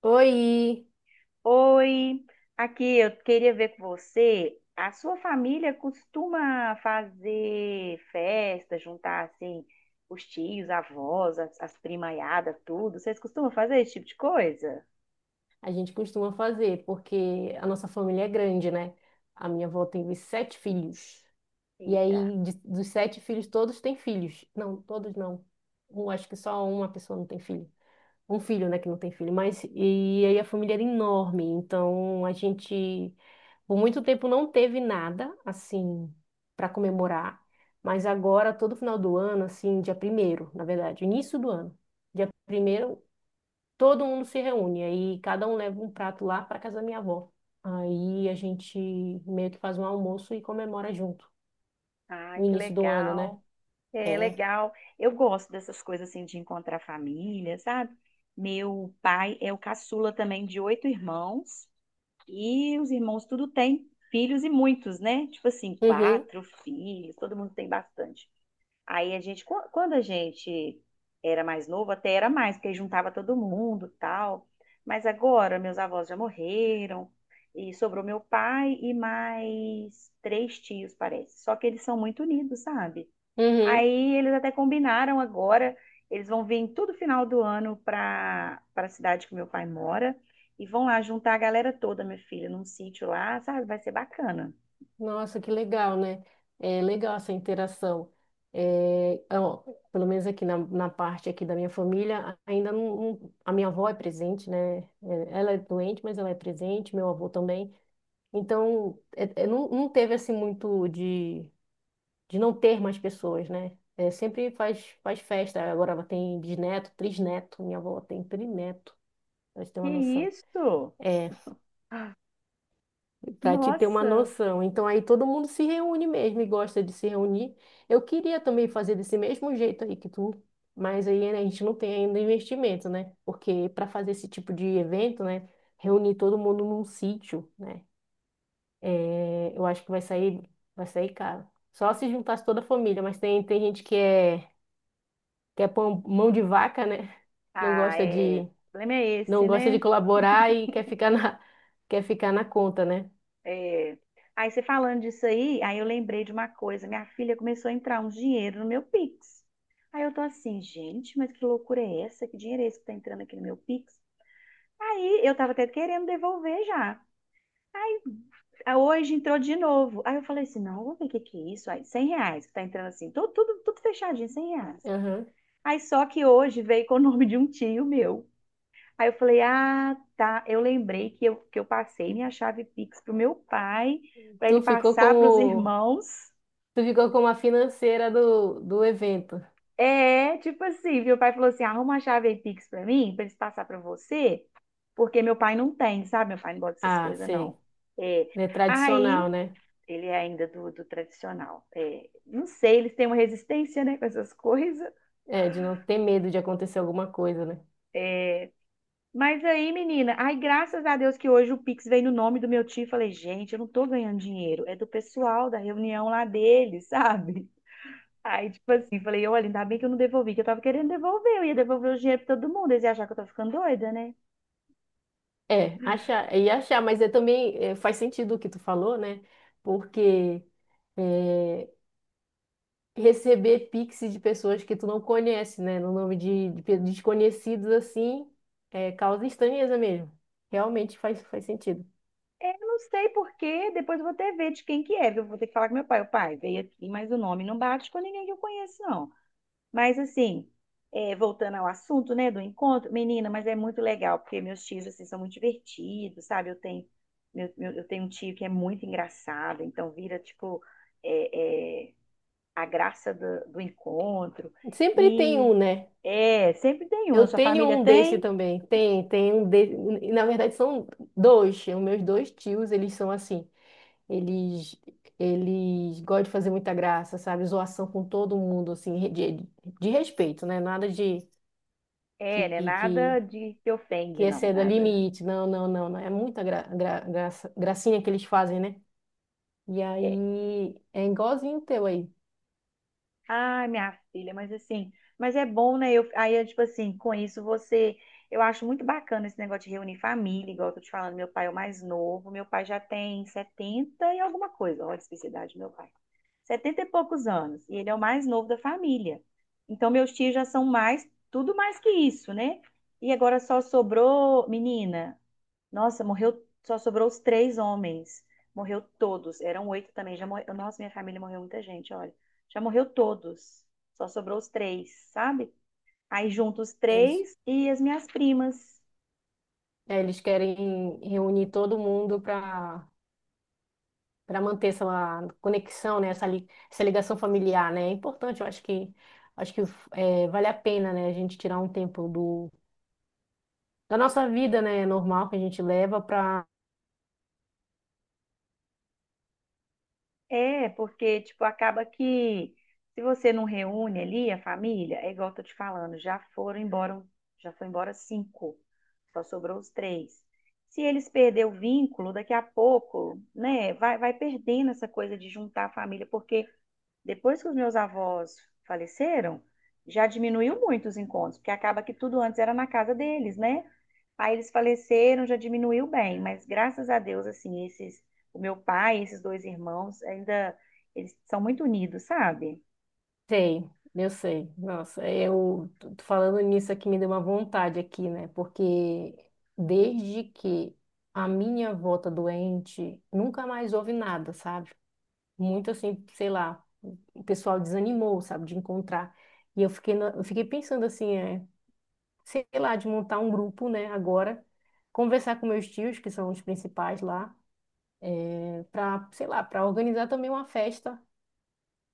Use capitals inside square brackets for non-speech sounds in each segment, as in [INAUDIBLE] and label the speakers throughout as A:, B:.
A: Oi!
B: Oi, aqui eu queria ver com você. A sua família costuma fazer festa, juntar assim os tios, avós, as primaiadas, tudo. Vocês costumam fazer esse tipo de coisa?
A: A gente costuma fazer, porque a nossa família é grande, né? A minha avó teve 7 filhos. E
B: Eita,
A: aí, dos 7 filhos, todos têm filhos. Não, todos não. Um, acho que só uma pessoa não tem filho. Um filho, né, que não tem filho. Mas, e aí a família era enorme. Então, a gente, por muito tempo, não teve nada, assim, para comemorar. Mas agora, todo final do ano, assim, dia primeiro, na verdade, início do ano. Dia primeiro todo mundo se reúne, aí cada um leva um prato lá para casa da minha avó. Aí a gente meio que faz um almoço e comemora junto,
B: ai,
A: o
B: que
A: início do ano, né?
B: legal. É
A: É.
B: legal. Eu gosto dessas coisas assim de encontrar família, sabe? Meu pai é o caçula também de oito irmãos. E os irmãos tudo têm filhos e muitos, né? Tipo assim,
A: Uhum,
B: quatro filhos, todo mundo tem bastante. Aí a gente, quando a gente era mais novo, até era mais, porque aí juntava todo mundo, tal. Mas agora meus avós já morreram e sobrou meu pai e mais três tios, parece. Só que eles são muito unidos, sabe?
A: uhum.
B: Aí eles até combinaram agora, eles vão vir em todo final do ano para a cidade que meu pai mora e vão lá juntar a galera toda, minha filha, num sítio lá, sabe? Vai ser bacana.
A: Nossa, que legal, né? É legal essa interação. É, ó, pelo menos aqui na parte aqui da minha família, ainda não- a minha avó é presente, né? É, ela é doente, mas ela é presente, meu avô também. Então, é, não, não teve assim muito de não ter mais pessoas, né? É, sempre faz, faz festa. Agora ela tem bisneto, trisneto. Minha avó tem trineto, pra gente ter uma
B: Que
A: noção.
B: isso?
A: É, pra te ter uma
B: Nossa!
A: noção. Então aí todo mundo se reúne mesmo e gosta de se reunir. Eu queria também fazer desse mesmo jeito aí que tu, mas aí né, a gente não tem ainda investimento, né? Porque para fazer esse tipo de evento, né? Reunir todo mundo num sítio, né? É, eu acho que vai sair caro. Só se juntasse toda a família, mas tem gente que é mão de vaca, né? Não
B: Ah,
A: gosta
B: é. O
A: de,
B: problema é
A: não
B: esse,
A: gosta de
B: né?
A: colaborar e quer ficar na conta, né?
B: É. Aí você falando disso aí, aí eu lembrei de uma coisa. Minha filha começou a entrar um dinheiro no meu Pix. Aí eu tô assim, gente, mas que loucura é essa? Que dinheiro é esse que tá entrando aqui no meu Pix? Aí eu tava até querendo devolver já. Aí hoje entrou de novo. Aí eu falei assim, não, vamos ver o que que é isso. Aí, R$ 100 que tá entrando assim, tudo, tudo, tudo fechadinho, R$ 100.
A: Aham.
B: Aí só que hoje veio com o [LAUGHS] nome de um tio meu. Aí eu falei, ah, tá. Eu lembrei que que eu passei minha chave Pix pro meu pai, para ele
A: Tu ficou
B: passar para os
A: como,
B: irmãos.
A: tu ficou como a financeira do evento.
B: É, tipo assim, meu pai falou assim, arruma a chave aí Pix para mim, para eles passar para você, porque meu pai não tem, sabe? Meu pai não gosta dessas
A: Ah,
B: coisas,
A: sei.
B: não. É.
A: É tradicional,
B: Aí
A: né?
B: ele é ainda do tradicional. É, não sei, eles têm uma resistência, né, com essas [LAUGHS] coisas.
A: É, de não ter medo de acontecer alguma coisa, né?
B: Mas aí, menina, ai, graças a Deus que hoje o Pix veio no nome do meu tio. Falei, gente, eu não tô ganhando dinheiro, é do pessoal da reunião lá dele, [LAUGHS] sabe? Aí, tipo assim, falei, olha, ainda bem que eu não devolvi, que eu tava querendo devolver, eu ia devolver o dinheiro pra todo mundo, eles iam achar que eu tô ficando doida, né?
A: É, achar, mas faz sentido o que tu falou, né? Porque é, receber pix de pessoas que tu não conhece, né? No nome de desconhecidos, assim, é, causa estranheza mesmo. Realmente faz, faz sentido.
B: É, eu não sei por quê, depois eu vou até ver de quem que é, eu vou ter que falar com meu pai, o pai, veio aqui, mas o nome não bate com ninguém que eu conheço, não. Mas assim, é, voltando ao assunto, né, do encontro, menina, mas é muito legal, porque meus tios, assim, são muito divertidos, sabe? Eu tenho, eu tenho um tio que é muito engraçado, então vira, tipo, é, é, a graça do encontro.
A: Sempre tem
B: E,
A: um, né?
B: é, sempre tem um.
A: Eu
B: A sua
A: tenho
B: família
A: um desse
B: tem?
A: também. Tem, tem um desse. Na verdade, são 2. Os meus dois tios, eles são assim. Eles, eles gostam de fazer muita graça, sabe? Zoação com todo mundo, assim, de respeito, né? Nada de que,
B: É, né?
A: que
B: Nada de que
A: que
B: ofende, não,
A: exceda
B: nada.
A: limite. Não, não, não, não. É muita gracinha que eles fazem, né? E
B: é,
A: aí é igualzinho o teu aí.
B: Ah, minha filha, mas assim, mas é bom, né? Eu, aí, eu, tipo assim, com isso você. Eu acho muito bacana esse negócio de reunir família, igual eu tô te falando, meu pai é o mais novo, meu pai já tem 70 e alguma coisa, olha a especificidade do meu pai. Setenta e poucos anos, e ele é o mais novo da família. Então, meus tios já são mais, tudo mais que isso, né? E agora só sobrou, menina, nossa, morreu, só sobrou os três homens. Morreu todos. Eram oito também. Já morreu. Nossa, minha família morreu muita gente, olha. Já morreu todos. Só sobrou os três, sabe? Aí junto os
A: Eles,
B: três e as minhas primas.
A: é, eles querem reunir todo mundo para para manter essa conexão, né? Essa, essa ligação familiar, né? É importante, eu acho que é, vale a pena, né? A gente tirar um tempo do da nossa vida, né? Normal que a gente leva para
B: É, porque, tipo, acaba que se você não reúne ali a família, é igual eu tô te falando, já foram embora, já foi embora cinco. Só sobrou os três. Se eles perderem o vínculo, daqui a pouco, né, vai perdendo essa coisa de juntar a família, porque depois que os meus avós faleceram, já diminuiu muito os encontros, porque acaba que tudo antes era na casa deles, né? Aí eles faleceram, já diminuiu bem, mas graças a Deus, assim, esses, o meu pai, e esses dois irmãos, ainda, eles são muito unidos, sabe?
A: sei, eu sei. Nossa, eu tô falando nisso aqui me deu uma vontade aqui, né? Porque desde que a minha avó tá doente, nunca mais houve nada, sabe? Muito assim, sei lá, o pessoal desanimou, sabe, de encontrar. E eu fiquei pensando assim, é, sei lá, de montar um grupo, né, agora, conversar com meus tios, que são os principais lá, para, sei lá, para organizar também uma festa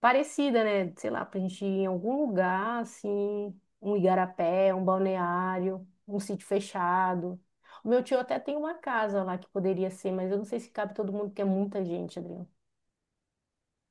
A: parecida, né? Sei lá, pra gente ir em algum lugar, assim, um igarapé, um balneário, um sítio fechado. O meu tio até tem uma casa lá que poderia ser, mas eu não sei se cabe todo mundo, porque é muita gente, Adriano.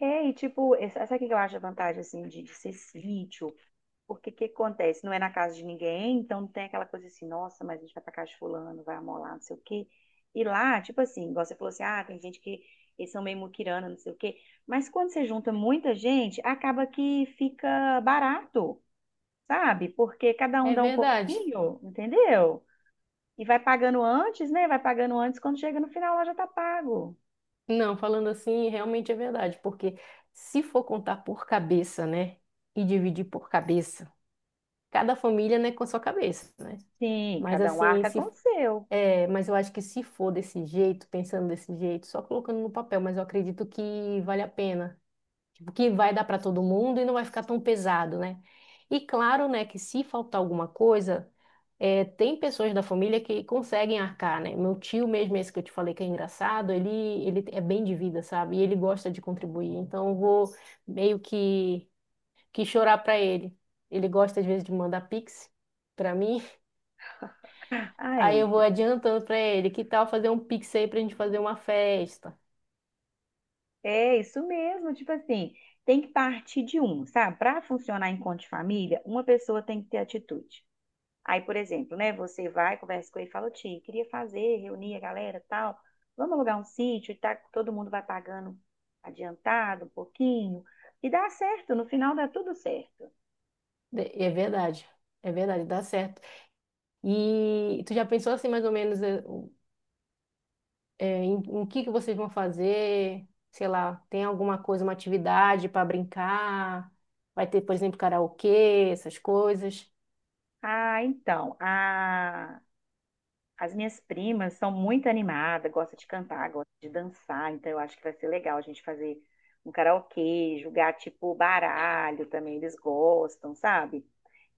B: É, e tipo, essa aqui que eu acho a vantagem, assim, de ser sítio. Porque o que acontece? Não é na casa de ninguém, então não tem aquela coisa assim, nossa, mas a gente vai pra casa de fulano, vai amolar, não sei o quê. E lá, tipo assim, igual você falou assim, ah, tem gente que eles são meio muquirana, não sei o quê. Mas quando você junta muita gente, acaba que fica barato, sabe? Porque cada um
A: É
B: dá um
A: verdade.
B: pouquinho, entendeu? E vai pagando antes, né? Vai pagando antes, quando chega no final lá já tá pago.
A: Não, falando assim, realmente é verdade, porque se for contar por cabeça, né? E dividir por cabeça, cada família, né, com a sua cabeça, né?
B: Sim,
A: Mas
B: cada um
A: assim,
B: arca
A: se
B: com o seu.
A: é, mas eu acho que se for desse jeito, pensando desse jeito, só colocando no papel, mas eu acredito que vale a pena. Tipo, que vai dar para todo mundo e não vai ficar tão pesado, né? E claro, né, que se faltar alguma coisa, é, tem pessoas da família que conseguem arcar, né? Meu tio mesmo, esse que eu te falei que é engraçado, ele é bem de vida, sabe? E ele gosta de contribuir. Então eu vou meio que chorar para ele. Ele gosta às vezes de mandar pix para mim. Aí eu
B: Ai.
A: vou adiantando pra ele, que tal fazer um pix aí pra gente fazer uma festa?
B: É isso mesmo, tipo assim, tem que partir de um, sabe? Para funcionar enquanto de família, uma pessoa tem que ter atitude. Aí, por exemplo, né, você vai, conversa com ele e fala, Ti, queria fazer, reunir a galera, tal, vamos alugar um sítio e tá, todo mundo vai pagando adiantado um pouquinho, e dá certo, no final dá tudo certo.
A: De- É verdade, é verdade, dá certo. E tu já pensou assim mais ou menos em que vocês vão fazer? Sei lá, tem alguma coisa, uma atividade pra brincar? Vai ter, por exemplo, karaokê, essas coisas?
B: Ah, então, as minhas primas são muito animadas, gostam de cantar, gostam de dançar, então eu acho que vai ser legal a gente fazer um karaokê, jogar tipo baralho também, eles gostam, sabe?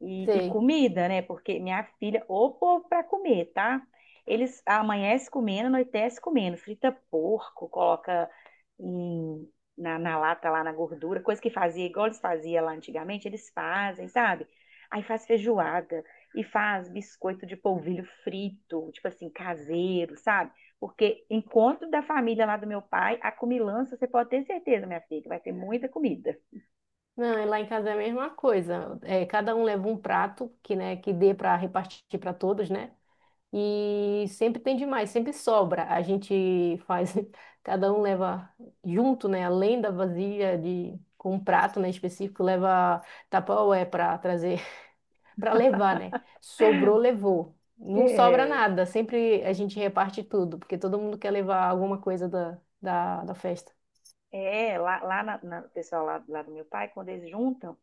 B: E
A: Sei.
B: comida, né? Porque minha filha, ô povo pra comer, tá? Eles amanhece comendo, anoitece comendo, frita porco, coloca em- na lata, lá na gordura, coisa que fazia, igual eles faziam lá antigamente, eles fazem, sabe? Aí faz feijoada e faz biscoito de polvilho frito, tipo assim, caseiro, sabe? Porque encontro da família lá do meu pai, a comilança, você pode ter certeza, minha filha, que vai ter muita comida.
A: Não, e lá em casa é a mesma coisa. É, cada um leva um prato que, né, que dê para repartir para todos, né? E sempre tem demais, sempre sobra. A gente faz, [LAUGHS] cada um leva junto, né? Além da vasilha de com um prato, né, específico, leva tapaué para trazer, [LAUGHS] para levar, né? Sobrou, levou. Não sobra
B: É,
A: nada, sempre a gente reparte tudo, porque todo mundo quer levar alguma coisa da festa.
B: é lá, o pessoal lá, lá do meu pai, quando eles juntam,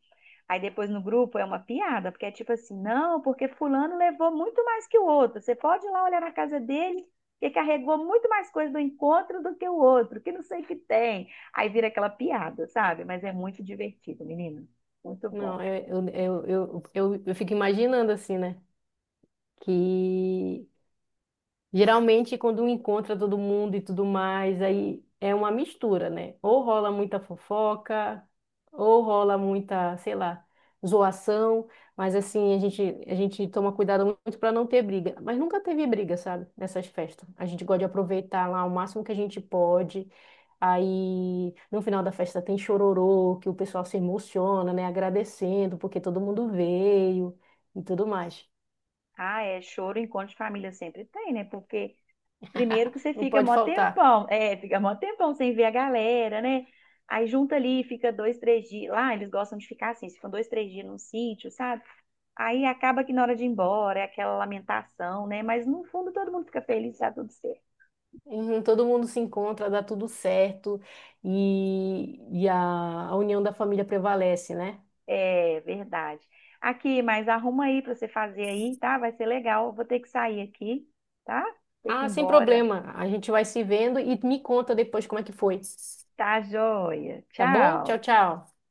B: aí depois no grupo é uma piada, porque é tipo assim, não, porque fulano levou muito mais que o outro. Você pode ir lá olhar na casa dele, que carregou muito mais coisa do encontro do que o outro, que não sei o que tem. Aí vira aquela piada, sabe? Mas é muito divertido, menino. Muito bom.
A: Não, eu, eu, eu fico imaginando assim, né? Que Geralmente, quando encontra todo mundo e tudo mais, aí é uma mistura, né? Ou rola muita fofoca, ou rola muita, sei lá, zoação, mas assim, a gente toma cuidado muito para não ter briga. Mas nunca teve briga, sabe? Nessas festas. A gente gosta de aproveitar lá o máximo que a gente pode. Aí, no final da festa tem chororô, que o pessoal se emociona, né? Agradecendo porque todo mundo veio e tudo mais.
B: Ah, é choro, encontro de família sempre tem, né? Porque primeiro que você
A: Não
B: fica
A: pode
B: mó
A: faltar.
B: tempão, é, fica mó tempão sem ver a galera, né? Aí junta ali, fica 2, 3 dias. Lá eles gostam de ficar assim, se ficam 2, 3 dias num sítio, sabe? Aí acaba que na hora de ir embora é aquela lamentação, né? Mas no fundo todo mundo fica feliz, tá tudo certo.
A: Uhum, todo mundo se encontra, dá tudo certo e, e a, a união da família prevalece, né?
B: É verdade. Aqui, mas arruma aí pra você fazer aí, tá? Vai ser legal. Vou ter que sair aqui, tá? Ter que ir
A: Ah, sem
B: embora.
A: problema. A gente vai se vendo e me conta depois como é que foi.
B: Tá, joia.
A: Tá bom? Tchau,
B: Tchau.
A: tchau.